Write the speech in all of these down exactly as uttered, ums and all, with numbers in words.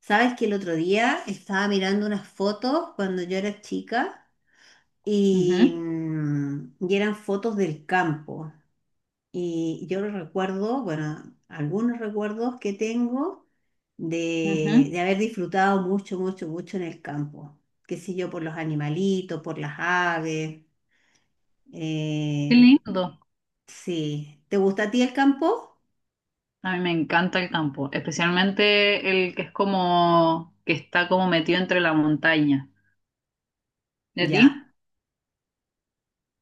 Sabes que el otro día estaba mirando unas fotos cuando yo era chica y, Ujú, mm, y eran fotos del campo. Y yo recuerdo, bueno, algunos recuerdos que tengo de, ujú. de haber disfrutado mucho, mucho, mucho en el campo. Qué sé yo, por los animalitos, por las aves. Qué eh, lindo. sí. ¿Te gusta a ti el campo? A mí me encanta el campo, especialmente el que es como que está como metido entre la montaña. ¿De Ya. ti?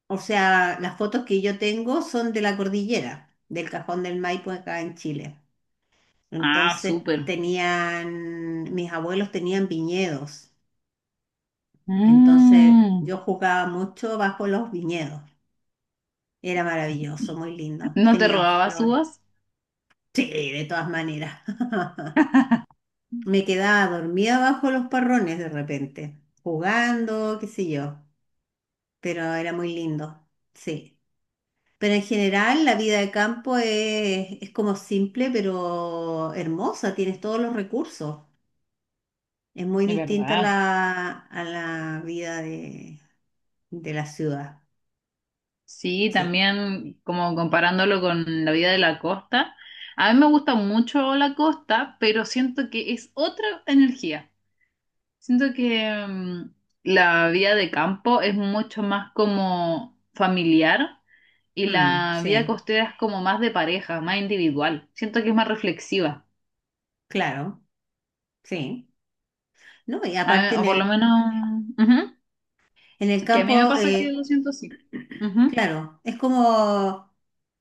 O sea, las fotos que yo tengo son de la cordillera, del Cajón del Maipo acá en Chile. Ah, Entonces súper. tenían, mis abuelos tenían viñedos, entonces Mm, yo jugaba mucho bajo los viñedos. Era maravilloso, muy lindo. ¿no te Tenían robabas flores. uvas? Sí, de todas maneras. Me quedaba dormida bajo los parrones de repente, jugando, qué sé yo, pero era muy lindo, sí. Pero en general la vida de campo es, es como simple, pero hermosa, tienes todos los recursos. Es muy De distinta a verdad. la, a la vida de, de la ciudad. Sí, Sí. también como comparándolo con la vida de la costa. A mí me gusta mucho la costa, pero siento que es otra energía. Siento que mm, la vida de campo es mucho más como familiar. Y Mm, la vida sí, costera es como más de pareja, más individual. Siento que es más reflexiva. claro, sí. No, y A aparte mí- en O por lo el, menos, ujú, en el que a mí me campo, pasa que eh, lo siento así. Ujú. claro, es como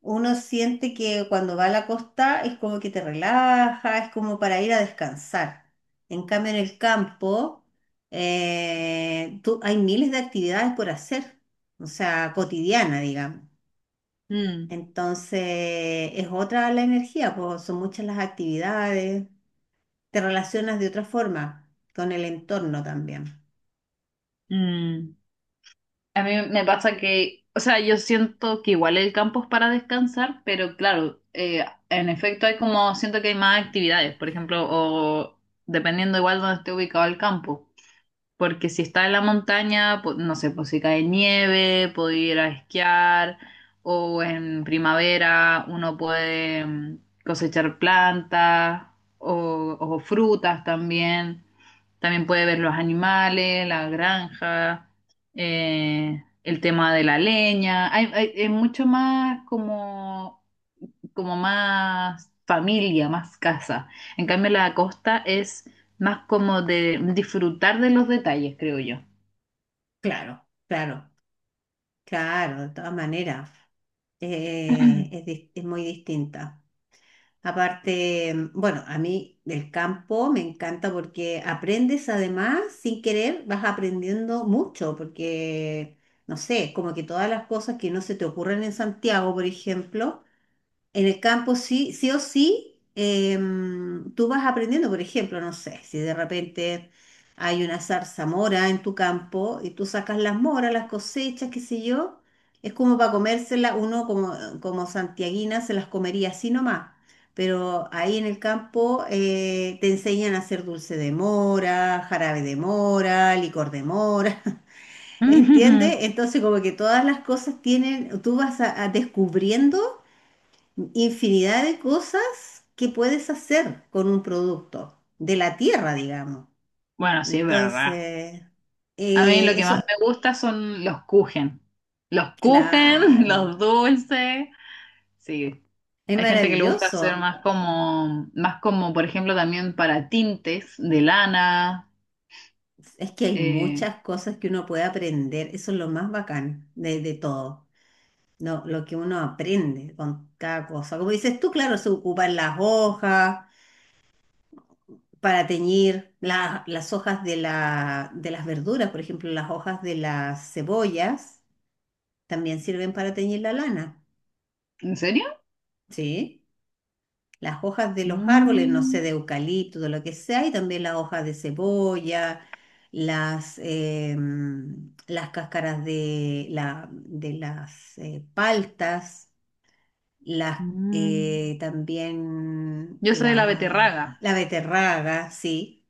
uno siente que cuando va a la costa es como que te relaja, es como para ir a descansar. En cambio, en el campo, eh, tú, hay miles de actividades por hacer, o sea, cotidiana, digamos. Mm, Entonces, es otra la energía, pues son muchas las actividades, te relacionas de otra forma con el entorno también. mm. A mí me pasa que, o sea, yo siento que igual el campo es para descansar, pero claro, eh, en efecto hay como, siento que hay más actividades, por ejemplo, o dependiendo igual donde esté ubicado el campo. Porque si está en la montaña, po- no sé, pues si cae nieve, puede ir a esquiar, o en primavera uno puede mm, cosechar plantas o, o frutas también. También puede ver los animales, la granja, eh, el tema de la leña. Hay, hay- es mucho más como como más familia, más casa. En cambio, la costa es más como de disfrutar de los detalles, creo yo. Claro, claro, claro, de todas maneras, eh, es, dis- es muy distinta. Aparte, bueno, a mí del campo me encanta porque aprendes además, sin querer, vas aprendiendo mucho, porque, no sé, como que todas las cosas que no se te ocurren en Santiago, por ejemplo, en el campo sí, sí o sí, em, tú vas aprendiendo, por ejemplo, no sé, si de repente hay una zarzamora en tu campo y tú sacas las moras, las cosechas, qué sé yo, es como para comérselas, uno como, como santiaguina se las comería así nomás, pero ahí en el campo eh, te enseñan a hacer dulce de mora, jarabe de mora, licor de mora. Ujujú. ¿Entiendes? Entonces como que todas las cosas tienen, tú vas a a descubriendo infinidad de cosas que puedes hacer con un producto de la tierra, digamos. Bueno, sí, es verdad. Entonces, A mí eh, lo que eso, más me gusta son los kuchen. Los kuchen, claro, los dulces. Sí, es hay gente que le gusta hacer maravilloso. más como, más como, por ejemplo, también para tintes de lana. Es que hay Eh, muchas cosas que uno puede aprender. Eso es lo más bacán de, de todo. No, lo que uno aprende con cada cosa. Como dices tú, claro, se ocupan las hojas para teñir la- las hojas de, la, de las verduras, por ejemplo, las hojas de las cebollas también sirven para teñir la lana, ¿en serio? ¿sí? Las hojas de los árboles, no sé, de Mm, eucalipto, de lo que sea, y también las hojas de cebolla, las, em, las cáscaras de, la, de las eh, paltas, las, mm. eh, también Yo soy de la la, beterraga. la beterraga, ¿sí?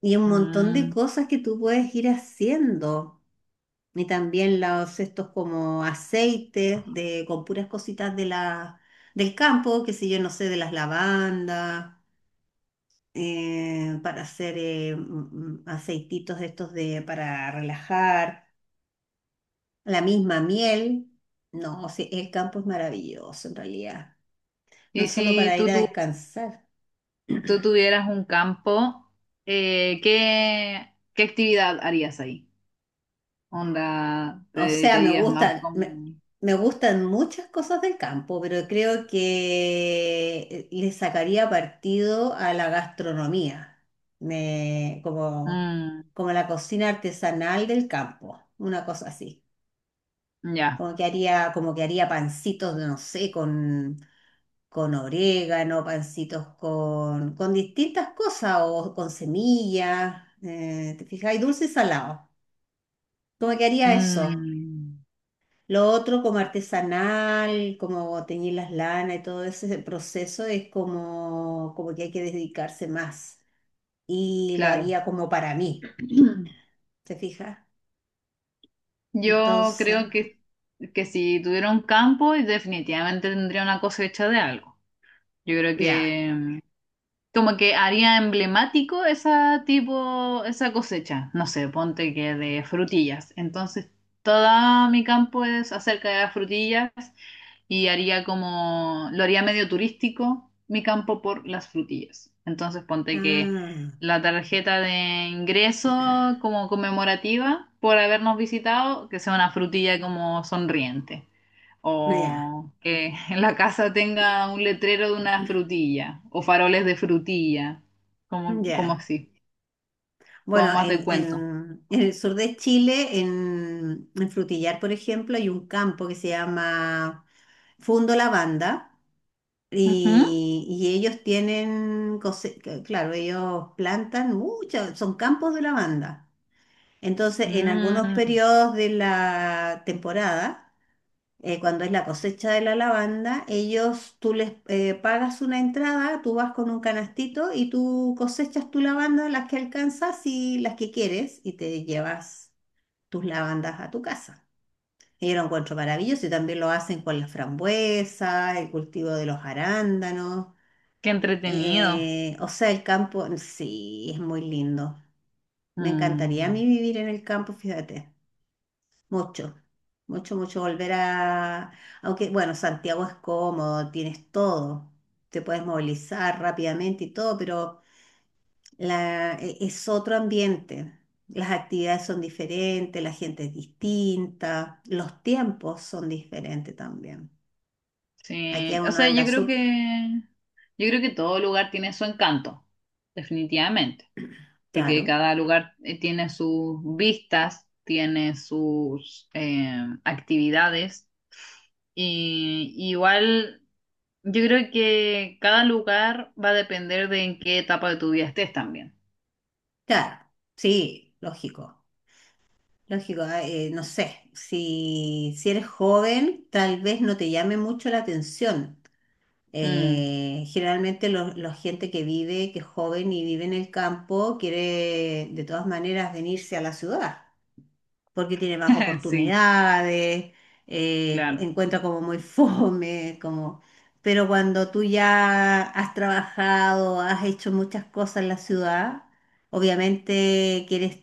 Y un montón de Mm. cosas que tú puedes ir haciendo. Y también los estos como aceites de, con puras cositas de la, del campo, que sé yo, no sé, de las lavandas, eh, para hacer eh, mm, mm, aceititos de estos de, para relajar, la misma miel. No, sí, el campo es maravilloso en realidad, no Y solo si para ir tú, a tú, descansar. tú tuvieras un campo, eh, ¿qué, qué actividad harías ahí? ¿Onda te O sea, me dedicarías más gustan, me, con...? me gustan muchas cosas del campo, pero creo que eh, le sacaría partido a la gastronomía, me, como, Mm, como la cocina artesanal del campo, una cosa así. ya, Como que haría, como que haría pancitos, no sé, con, con orégano, pancitos con, con distintas cosas o con semillas, eh, te fijas, y dulce y salado. ¿Cómo que haría eso? mm, Lo otro como artesanal, como teñir las lanas y todo ese proceso es como, como que hay que dedicarse más. Y lo claro. haría como para mí, ¿te fijas? Yo Entonces, creo que, que si tuviera un campo, definitivamente tendría una cosecha de algo. Yo creo ya. que como que haría emblemático esa tipo, esa cosecha, no sé, ponte que de frutillas. Entonces, todo mi campo es acerca de las frutillas y haría como, lo haría medio turístico mi campo por las frutillas. Entonces, ponte que Ah, la tarjeta de ingreso como conmemorativa por habernos visitado, que sea una frutilla como sonriente. ya, O que en la casa tenga un letrero de una frutilla o faroles de frutilla, como, como ya. así, como Bueno, más de en, cuento. en- en el sur de Chile, en, en Frutillar, por ejemplo, hay un campo que se llama Fundo Lavanda. Ujú. Y, y ellos tienen, cose- c- claro, ellos plantan muchas, son campos de lavanda. Entonces, en algunos Mm, periodos de la temporada, eh, cuando es la cosecha de la lavanda, ellos, tú les eh, pagas una entrada, tú vas con un canastito y tú cosechas tu lavanda, las que alcanzas y las que quieres, y te llevas tus lavandas a tu casa. Y yo lo encuentro maravilloso y también lo hacen con la frambuesa, el cultivo de los arándanos. qué entretenido. Eh, o sea, el campo, sí, es muy lindo. Me encantaría a Mm. mí vivir en el campo, fíjate. Mucho, mucho, mucho volver a... Aunque, bueno, Santiago es cómodo, tienes todo, te puedes movilizar rápidamente y todo, pero la, e- es otro ambiente. Las actividades son diferentes, la gente es distinta, los tiempos son diferentes también. Aquí Sí, o uno sea, anda yo creo sub... que yo creo que todo lugar tiene su encanto, definitivamente, porque Claro, cada lugar eh, tiene sus vistas, tiene sus eh, actividades y igual yo creo que cada lugar va a depender de en qué etapa de tu vida estés también. claro, sí, lógico. Lógico, ah, eh, no sé, si, si eres joven, tal vez no te llame mucho la atención. Mm, Eh, generalmente lo- la gente que vive, que es joven y vive en el campo, quiere de todas maneras venirse a la ciudad, porque tiene más sí, oportunidades, eh, claro. encuentra como muy fome, como... Pero cuando tú ya has trabajado, has hecho muchas cosas en la ciudad, obviamente quieres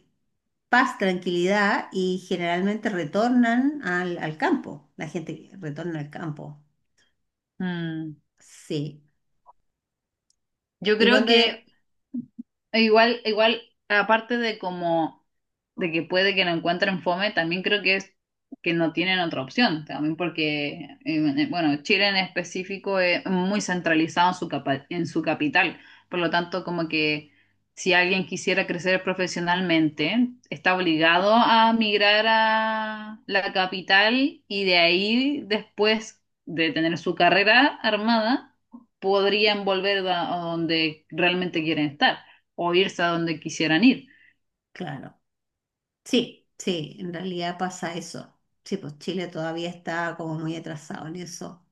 paz, tranquilidad y generalmente retornan al, al campo. La gente retorna al campo. Mm. Sí. Yo Y creo cuando eres, que igual, igual, aparte de como de que puede que no encuentren fome, también creo que es que no tienen otra opción, también porque, eh, bueno, Chile en específico es muy centralizado en su capa- en su capital, por lo tanto, como que si alguien quisiera crecer profesionalmente, está obligado a migrar a la capital y de ahí, después de tener su carrera armada, podrían volver a a donde realmente quieren estar o irse a donde quisieran ir. claro, sí, sí, en realidad pasa eso. Sí, pues Chile todavía está como muy atrasado en eso.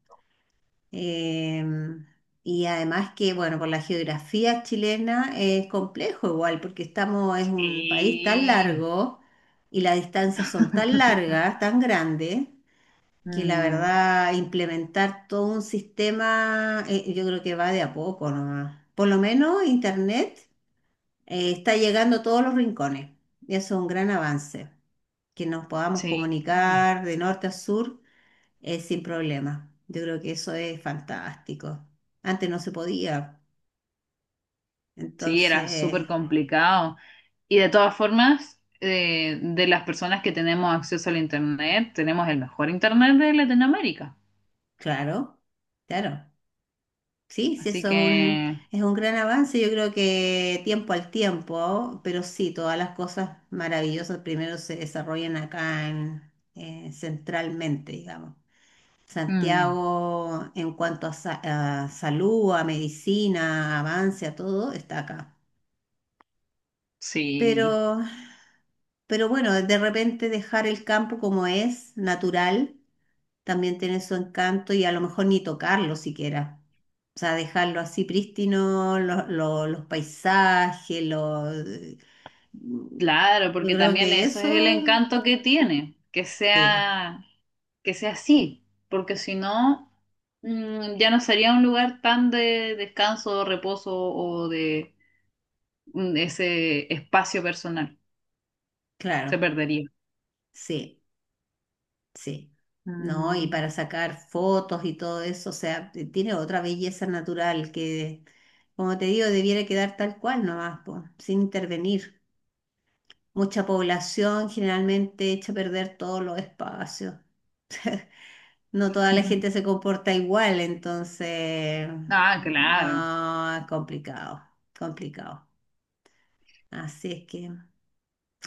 Em, y además que, bueno, por la geografía chilena es complejo igual, porque estamos, es un país tan Y... largo y las distancias son tan largas, tan grandes que la Mm, verdad implementar todo un sistema, eh, yo creo que va de a poco nomás. Por lo menos Internet eh, está llegando a todos los rincones y eso es un gran avance, que nos podamos sí, comunicar de norte a sur eh, sin problema. Yo creo que eso es fantástico. Antes no se podía, sí, era entonces, súper complicado. Y de todas formas, eh, de las personas que tenemos acceso al Internet, tenemos el mejor Internet de Latinoamérica. claro, claro. Sí, sí, Así eso es un, que, es un gran avance, yo creo que tiempo al tiempo, pero sí, todas las cosas maravillosas primero se desarrollan acá en, eh, centralmente, digamos. mm, Santiago, en cuanto a, sa- a salud, a medicina, avance, a todo, está acá. sí, Pero, pero bueno, de repente dejar el campo como es, natural, también tiene su encanto y a lo mejor ni tocarlo siquiera. O sea, dejarlo así prístino, lo- lo- los paisajes, los... claro, Yo porque creo también que eso eso, es el encanto que tiene, que sí, sea que sea así, porque si no, mm, ya no sería un lugar tan de descanso, reposo o de mm, ese espacio personal. Se claro, perdería. sí, sí. No, y Mm. para sacar fotos y todo eso, o sea, t- tiene otra belleza natural que, como te digo, debiera quedar tal cual nomás, po, sin intervenir. Mucha población generalmente echa a perder todos los espacios. No toda la gente se comporta igual, entonces, Ah, claro. no, es complicado, complicado. Así es que,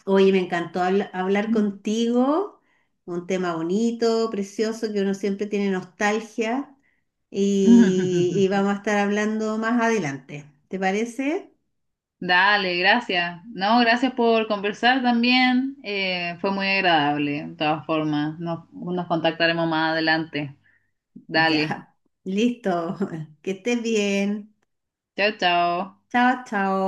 oye, me encantó habla- hablar Mm. contigo, un tema bonito, precioso, que uno siempre tiene nostalgia y, y vamos a estar hablando más adelante. ¿Te parece? Dale, gracias. No, gracias por conversar también. Eh, fue muy agradable, de todas formas. Nos, nos contactaremos más adelante. Dale. Ya, listo, que estés bien. Chao, chao. Chao, chao.